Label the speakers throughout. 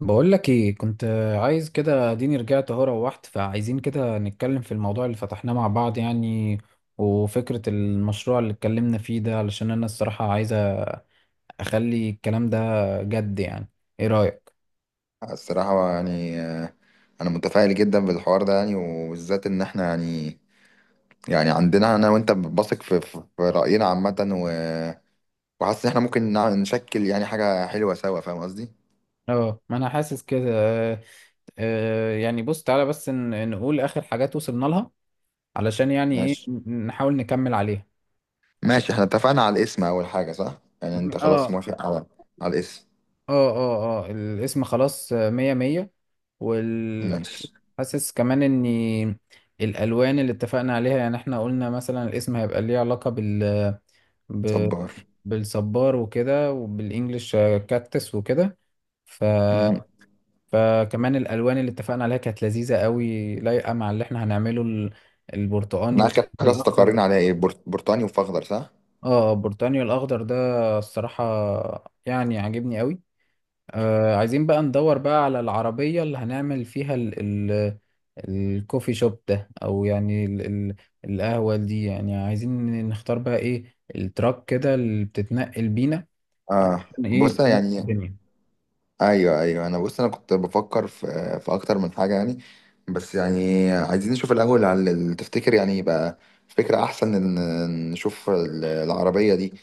Speaker 1: بقول لك ايه كنت عايز كده. اديني رجعت اهو. روحت، فعايزين كده نتكلم في الموضوع اللي فتحناه مع بعض يعني. وفكرة المشروع اللي اتكلمنا فيه ده، علشان انا الصراحة عايز اخلي الكلام ده جد يعني. ايه رأيك؟
Speaker 2: الصراحة يعني أنا متفائل جدا بالحوار ده يعني وبالذات إن إحنا يعني عندنا أنا وأنت بثق في في رأينا عامة وحاسس إن إحنا ممكن نشكل يعني حاجة حلوة سوا، فاهم قصدي؟
Speaker 1: اه، ما انا حاسس كده. آه، يعني بص تعالى بس نقول اخر حاجات وصلنا لها، علشان يعني ايه
Speaker 2: ماشي.
Speaker 1: نحاول نكمل عليها. عشان
Speaker 2: ماشي. إحنا اتفقنا على الاسم أول حاجة، صح؟ يعني أنت خلاص
Speaker 1: اه
Speaker 2: موافق على على الاسم.
Speaker 1: اه الاسم خلاص آه، مية مية. وال
Speaker 2: ماشي.
Speaker 1: حاسس كمان ان الالوان اللي اتفقنا عليها، يعني احنا قلنا مثلا الاسم هيبقى ليه علاقة بال، ب...
Speaker 2: صبار.
Speaker 1: بالصبار وكده، وبالانجلش آه، كاكتس وكده. ف...
Speaker 2: مم.
Speaker 1: فكمان الالوان اللي اتفقنا عليها كانت لذيذة قوي، لايقة مع اللي احنا هنعمله البرتقاني
Speaker 2: إحنا آخر حاجة
Speaker 1: والاخضر.
Speaker 2: استقرينا عليها إيه؟ برتقاني وفخضر، صح؟
Speaker 1: اه، البرتقاني والاخضر ده الصراحة يعني عاجبني قوي. آه عايزين بقى ندور بقى على العربية اللي هنعمل فيها ال الكوفي شوب ده، أو يعني ال القهوة دي. يعني عايزين نختار بقى إيه التراك كده اللي بتتنقل بينا،
Speaker 2: آه.
Speaker 1: عشان
Speaker 2: بص
Speaker 1: إيه نظبط
Speaker 2: يعني
Speaker 1: الدنيا.
Speaker 2: ايوه، ايوه انا انا كنت بفكر في في اكتر من حاجه يعني. بس يعني عايزين نشوف الاول على تفتكر يعني يبقى فكره احسن ان نشوف العربيه دي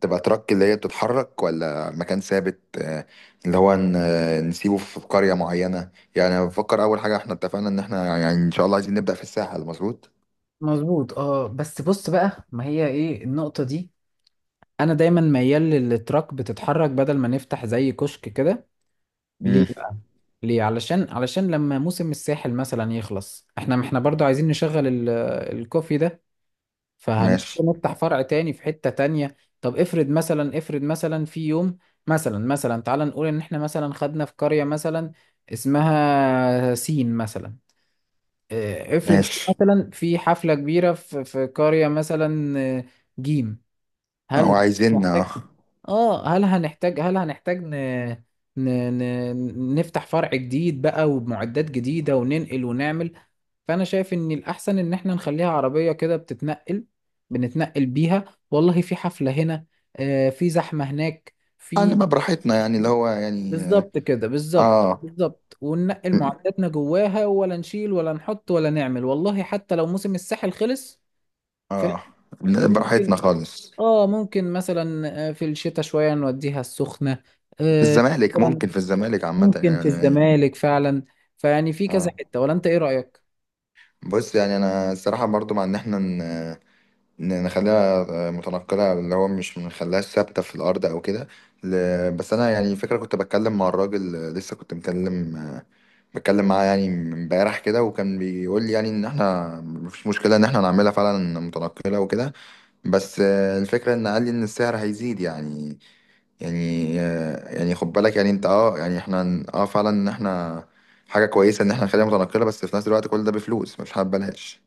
Speaker 2: تبقى ترك اللي هي بتتحرك ولا مكان ثابت، اللي هو نسيبه في قريه معينه. يعني أنا بفكر اول حاجه احنا اتفقنا ان احنا يعني ان شاء الله عايزين نبدا في الساحل. مظبوط.
Speaker 1: مظبوط. اه بس بص بقى، ما هي ايه النقطة دي. انا دايما ميال للتراك بتتحرك بدل ما نفتح زي كشك كده.
Speaker 2: امم
Speaker 1: ليه بقى؟ ليه؟ علشان لما موسم الساحل مثلا يخلص، احنا برضو عايزين نشغل الكوفي ده. فهنضطر
Speaker 2: ماشي.
Speaker 1: نفتح فرع تاني في حتة تانية. طب افرض مثلا، افرض مثلا في يوم، مثلا مثلا تعال نقول ان احنا مثلا خدنا في قرية مثلا اسمها سين مثلا. اه، افرض
Speaker 2: ماشي.
Speaker 1: مثلا في حفلة كبيرة في قرية مثلا اه، جيم.
Speaker 2: او
Speaker 1: هل
Speaker 2: عايزين اه.
Speaker 1: محتاج؟ اه، هل هنحتاج، هل هنحتاج ن... نفتح فرع جديد بقى وبمعدات جديدة، وننقل ونعمل. فانا شايف ان الاحسن ان احنا نخليها عربيه كده بتتنقل، بنتنقل بيها. والله في حفله هنا، آه في زحمه هناك، في.
Speaker 2: نبقى براحتنا يعني اللي هو يعني.
Speaker 1: بالظبط كده، بالظبط
Speaker 2: اه.
Speaker 1: بالظبط، وننقل معداتنا جواها، ولا نشيل ولا نحط ولا نعمل، والله حتى لو موسم الساحل خلص.
Speaker 2: اه،
Speaker 1: فممكن،
Speaker 2: براحتنا خالص.
Speaker 1: اه ممكن مثلا آه، في الشتاء شويه نوديها السخنه
Speaker 2: في
Speaker 1: آه.
Speaker 2: الزمالك،
Speaker 1: مثلا
Speaker 2: ممكن في الزمالك عامة
Speaker 1: ممكن في
Speaker 2: يعني يعني-.
Speaker 1: الزمالك فعلا. فيعني في كذا
Speaker 2: اه.
Speaker 1: حته، ولا انت ايه رايك؟
Speaker 2: بص يعني انا الصراحة برضو مع ان احنا نخليها متنقلة اللي هو مش نخليهاش ثابتة في الارض او كده. بس انا يعني فكرة، كنت بتكلم مع الراجل لسه، كنت مكلم بتكلم معاه يعني امبارح كده، وكان بيقول لي يعني ان احنا مفيش مشكلة ان احنا نعملها فعلا متنقلة وكده. بس الفكرة ان قال لي ان السعر هيزيد يعني. يعني خد بالك يعني انت اه يعني احنا فعلا ان احنا حاجة كويسة ان احنا نخليها متنقلة، بس في نفس الوقت كل ده بفلوس، مش حابة بلاش.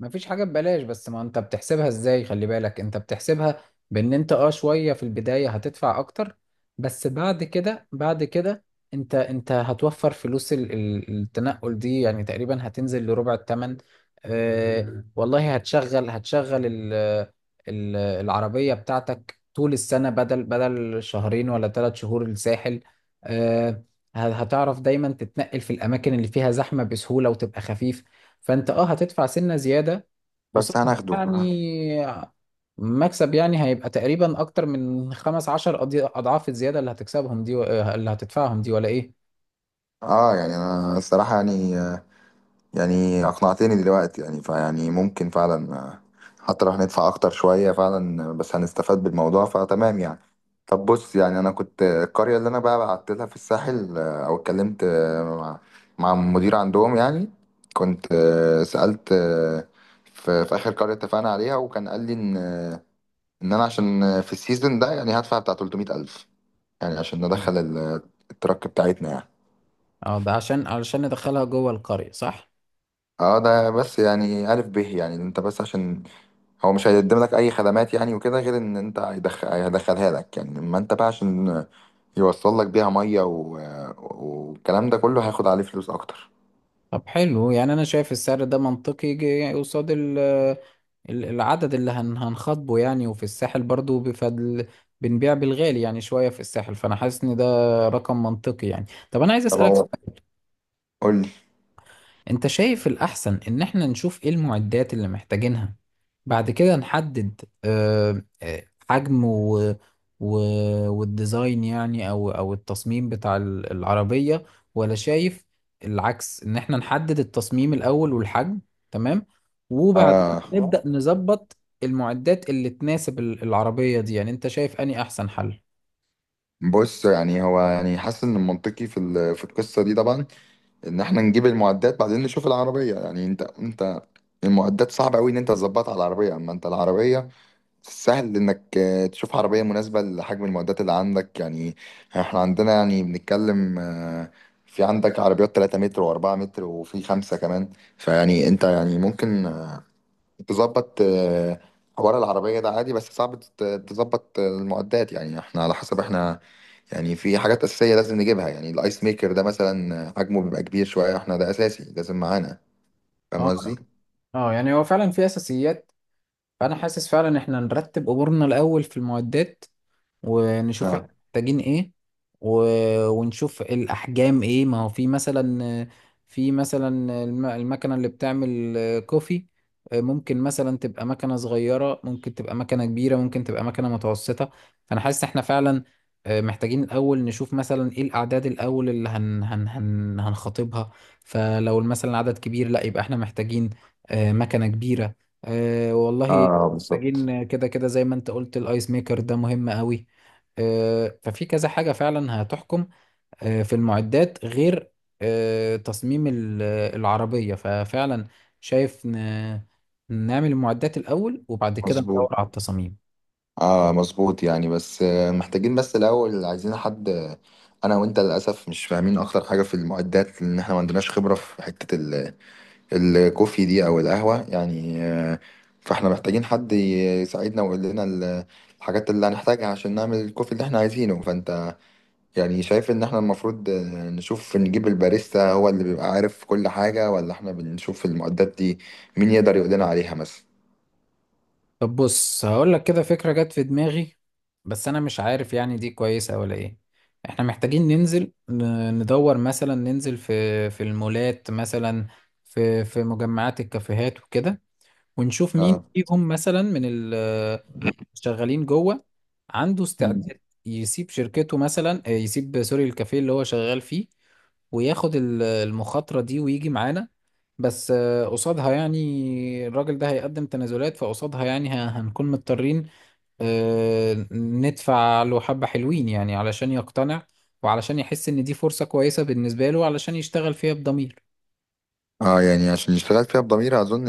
Speaker 1: مفيش حاجة ببلاش، بس ما انت بتحسبها ازاي، خلي بالك انت بتحسبها بان انت اه شوية في البداية هتدفع اكتر، بس بعد كده. انت هتوفر فلوس التنقل دي، يعني تقريبا هتنزل لربع التمن. اه والله، هتشغل ال العربية بتاعتك طول السنة، بدل شهرين ولا ثلاث شهور الساحل. اه هتعرف دايما تتنقل في الأماكن اللي فيها زحمة بسهولة، وتبقى خفيف. فانت اه هتدفع سنة زيادة، وصح
Speaker 2: بس هناخده.
Speaker 1: يعني. مكسب يعني، هيبقى تقريبا اكتر من خمس عشر اضعاف الزيادة اللي هتكسبهم دي، و آه، اللي هتدفعهم دي، ولا ايه؟
Speaker 2: اه يعني انا الصراحة يعني اقنعتني دلوقتي يعني. فيعني ممكن فعلا، حتى لو هندفع اكتر شوية فعلا، بس هنستفاد بالموضوع فتمام يعني. طب بص يعني انا كنت، القرية اللي انا بقى بعت لها في الساحل، او اتكلمت مع مع المدير عندهم يعني. كنت سألت في في اخر قرية اتفقنا عليها، وكان قال لي ان، ان انا عشان في السيزون ده يعني هدفع بتاع 300 الف يعني، عشان
Speaker 1: مم.
Speaker 2: ندخل الترك بتاعتنا يعني.
Speaker 1: اه ده عشان، علشان ندخلها جوه القرية صح.
Speaker 2: اه ده بس يعني ألف به يعني انت بس عشان هو مش هيقدم لك اي خدمات يعني وكده، غير ان انت هيدخل هيدخلها لك يعني. اما انت بقى عشان يوصل لك بيها ميه و... والكلام ده كله هياخد عليه فلوس اكتر.
Speaker 1: طب حلو، يعني انا شايف السعر ده منطقي، قصاد العدد اللي هنخاطبه يعني. وفي الساحل برضو بفضل بنبيع بالغالي يعني شوية في الساحل، فانا حاسس ان ده رقم منطقي يعني. طب انا عايز
Speaker 2: طب
Speaker 1: اسألك،
Speaker 2: هو قول لي.
Speaker 1: انت شايف الأحسن إن احنا نشوف ايه المعدات اللي محتاجينها، بعد كده نحدد آه، آه، حجم، و و... والديزاين، يعني أو أو التصميم بتاع العربية؟ ولا شايف العكس، إن احنا نحدد التصميم الأول والحجم، تمام، وبعدين
Speaker 2: آه
Speaker 1: نبدأ نظبط المعدات اللي تناسب العربية دي؟ يعني انت شايف أني أحسن حل.
Speaker 2: بص يعني هو يعني حاسس ان المنطقي في ال... في القصه دي طبعا ان احنا نجيب المعدات بعدين نشوف العربيه يعني. انت انت المعدات صعب قوي ان انت تظبطها على العربيه، اما انت العربيه سهل انك تشوف عربية مناسبة لحجم المعدات اللي عندك يعني. احنا عندنا يعني بنتكلم، في عندك عربيات 3 متر و4 متر وفي خمسة كمان. فيعني انت يعني ممكن تظبط حوار العربية ده عادي، بس صعب تظبط المعدات يعني احنا على حسب احنا. يعني في حاجات أساسية لازم نجيبها يعني الايس ميكر ده مثلا، حجمه بيبقى كبير شوية، احنا ده أساسي لازم معانا. فاهم
Speaker 1: اه،
Speaker 2: قصدي؟
Speaker 1: اه يعني هو فعلا في اساسيات. فانا حاسس فعلا ان احنا نرتب امورنا الاول في المعدات، ونشوف
Speaker 2: اه.
Speaker 1: احنا محتاجين ايه، و... ونشوف الاحجام ايه. ما هو في مثلا، في مثلا المكنه اللي بتعمل كوفي، ممكن مثلا تبقى مكنه صغيره، ممكن تبقى مكنه كبيره، ممكن تبقى مكنه متوسطه. فانا حاسس احنا فعلا آه، محتاجين الاول نشوف مثلا ايه الاعداد الاول اللي هنخاطبها. فلو مثلا عدد كبير، لا يبقى احنا محتاجين آه، مكنه كبيره. أه والله
Speaker 2: اه بالظبط.
Speaker 1: محتاجين. كده كده زي ما انت قلت، الايس ميكر ده مهم قوي. أه ففي كذا حاجة فعلا هتحكم، أه في المعدات، غير أه تصميم العربية. ففعلا شايف نعمل المعدات الأول، وبعد كده ندور
Speaker 2: مظبوط.
Speaker 1: على التصاميم.
Speaker 2: اه مظبوط يعني. بس محتاجين بس الاول عايزين حد، انا وانت للاسف مش فاهمين اكتر حاجه في المعدات، لان احنا ما عندناش خبره في حته الكوفي دي او القهوه يعني، فاحنا محتاجين حد يساعدنا ويقول لنا الحاجات اللي هنحتاجها عشان نعمل الكوفي اللي احنا عايزينه. فانت يعني شايف ان احنا المفروض نشوف نجيب الباريستا هو اللي بيبقى عارف كل حاجه، ولا احنا بنشوف المعدات دي مين يقدر يقول لنا عليها مثلا.
Speaker 1: طب بص، هقول لك كده فكرة جت في دماغي، بس انا مش عارف يعني دي كويسة ولا ايه. احنا محتاجين ننزل ندور مثلا، ننزل في المولات مثلا، في مجمعات الكافيهات وكده، ونشوف مين
Speaker 2: اه.
Speaker 1: فيهم مثلا من ال، شغالين جوه، عنده
Speaker 2: مم.
Speaker 1: استعداد يسيب شركته مثلا آه، يسيب سوري الكافيه اللي هو شغال فيه، وياخد المخاطرة دي ويجي معانا. بس آه، قصادها يعني الراجل ده هيقدم تنازلات، فقصادها يعني هنكون مضطرين آه، ندفع له حبة حلوين، يعني علشان يقتنع، وعلشان يحس إن دي فرصة كويسة بالنسبة له، علشان يشتغل فيها بضمير.
Speaker 2: اه يعني عشان اشتغلت فيها بضميري اظن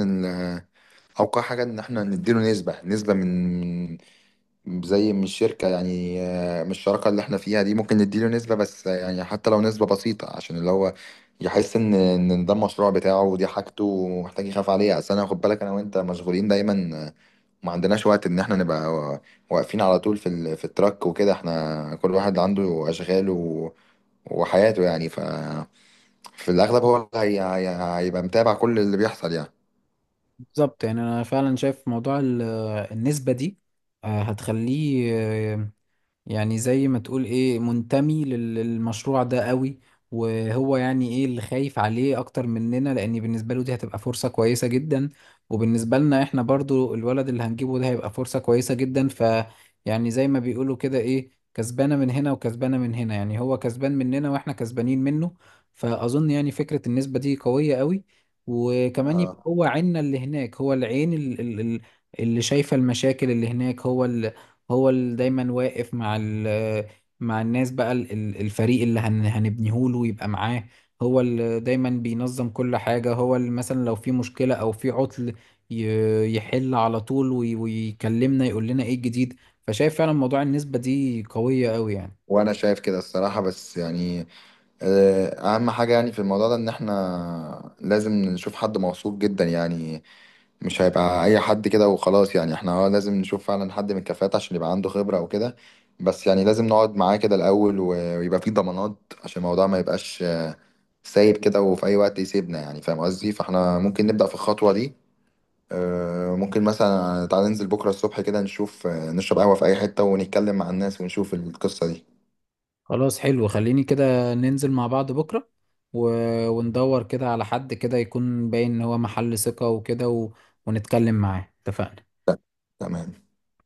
Speaker 2: اوقع حاجه ان احنا نديله نسبه، نسبه من، زي من الشركه يعني، من الشراكه اللي احنا فيها دي ممكن نديله نسبه، بس يعني حتى لو نسبه بسيطه عشان اللي هو يحس ان ان ده المشروع بتاعه ودي حاجته ومحتاج يخاف عليها. اصل انا، خد بالك، انا وانت مشغولين دايما، ما عندناش وقت ان احنا نبقى واقفين على طول في في التراك وكده. احنا كل واحد عنده اشغاله وحياته يعني. ف في الاغلب هو اللي هيبقى متابع كل اللي بيحصل
Speaker 1: بالظبط. يعني أنا فعلا شايف موضوع النسبة دي آه، هتخليه آه، يعني زي ما تقول ايه، منتمي للمشروع ده قوي. وهو يعني ايه اللي خايف عليه اكتر مننا، لان بالنسبه له دي هتبقى فرصه كويسه جدا، وبالنسبه لنا احنا برضو الولد اللي هنجيبه ده هيبقى فرصه كويسه جدا. ف يعني زي ما بيقولوا كده ايه، كسبانه من هنا وكسبانه من هنا، يعني هو كسبان مننا واحنا كسبانين منه. فاظن يعني فكره النسبه دي قويه قوي. وكمان يبقى
Speaker 2: يعني.
Speaker 1: هو عيننا اللي هناك، هو العين اللي شايفه المشاكل اللي هناك. هو اللي دايما واقف مع ال، مع الناس بقى الفريق اللي هنبنيه له يبقى معاه. هو اللي دايما بينظم كل حاجة، هو اللي مثلا لو في مشكلة أو في عطل يحل على طول، ويكلمنا يقول لنا ايه الجديد. فشايف فعلا موضوع النسبة دي قوية قوي يعني.
Speaker 2: وانا شايف كده الصراحة، بس يعني اهم حاجة يعني في الموضوع ده ان احنا لازم نشوف حد موثوق جدا يعني. مش هيبقى اي حد كده وخلاص يعني، احنا اه لازم نشوف فعلا حد من الكفاءات عشان يبقى عنده خبرة وكده. بس يعني لازم نقعد معاه كده الاول ويبقى فيه ضمانات عشان الموضوع ما يبقاش سايب كده وفي اي وقت يسيبنا يعني، فاهم قصدي. فاحنا ممكن نبدأ في الخطوة دي، ممكن مثلا تعالى ننزل بكرة الصبح كده نشوف، نشرب قهوة في اي حتة ونتكلم مع الناس ونشوف القصة دي.
Speaker 1: خلاص حلو، خليني كده ننزل مع بعض بكرة، و... وندور كده على حد كده يكون باين ان هو محل ثقة وكده، و... ونتكلم معاه. اتفقنا.
Speaker 2: تمام.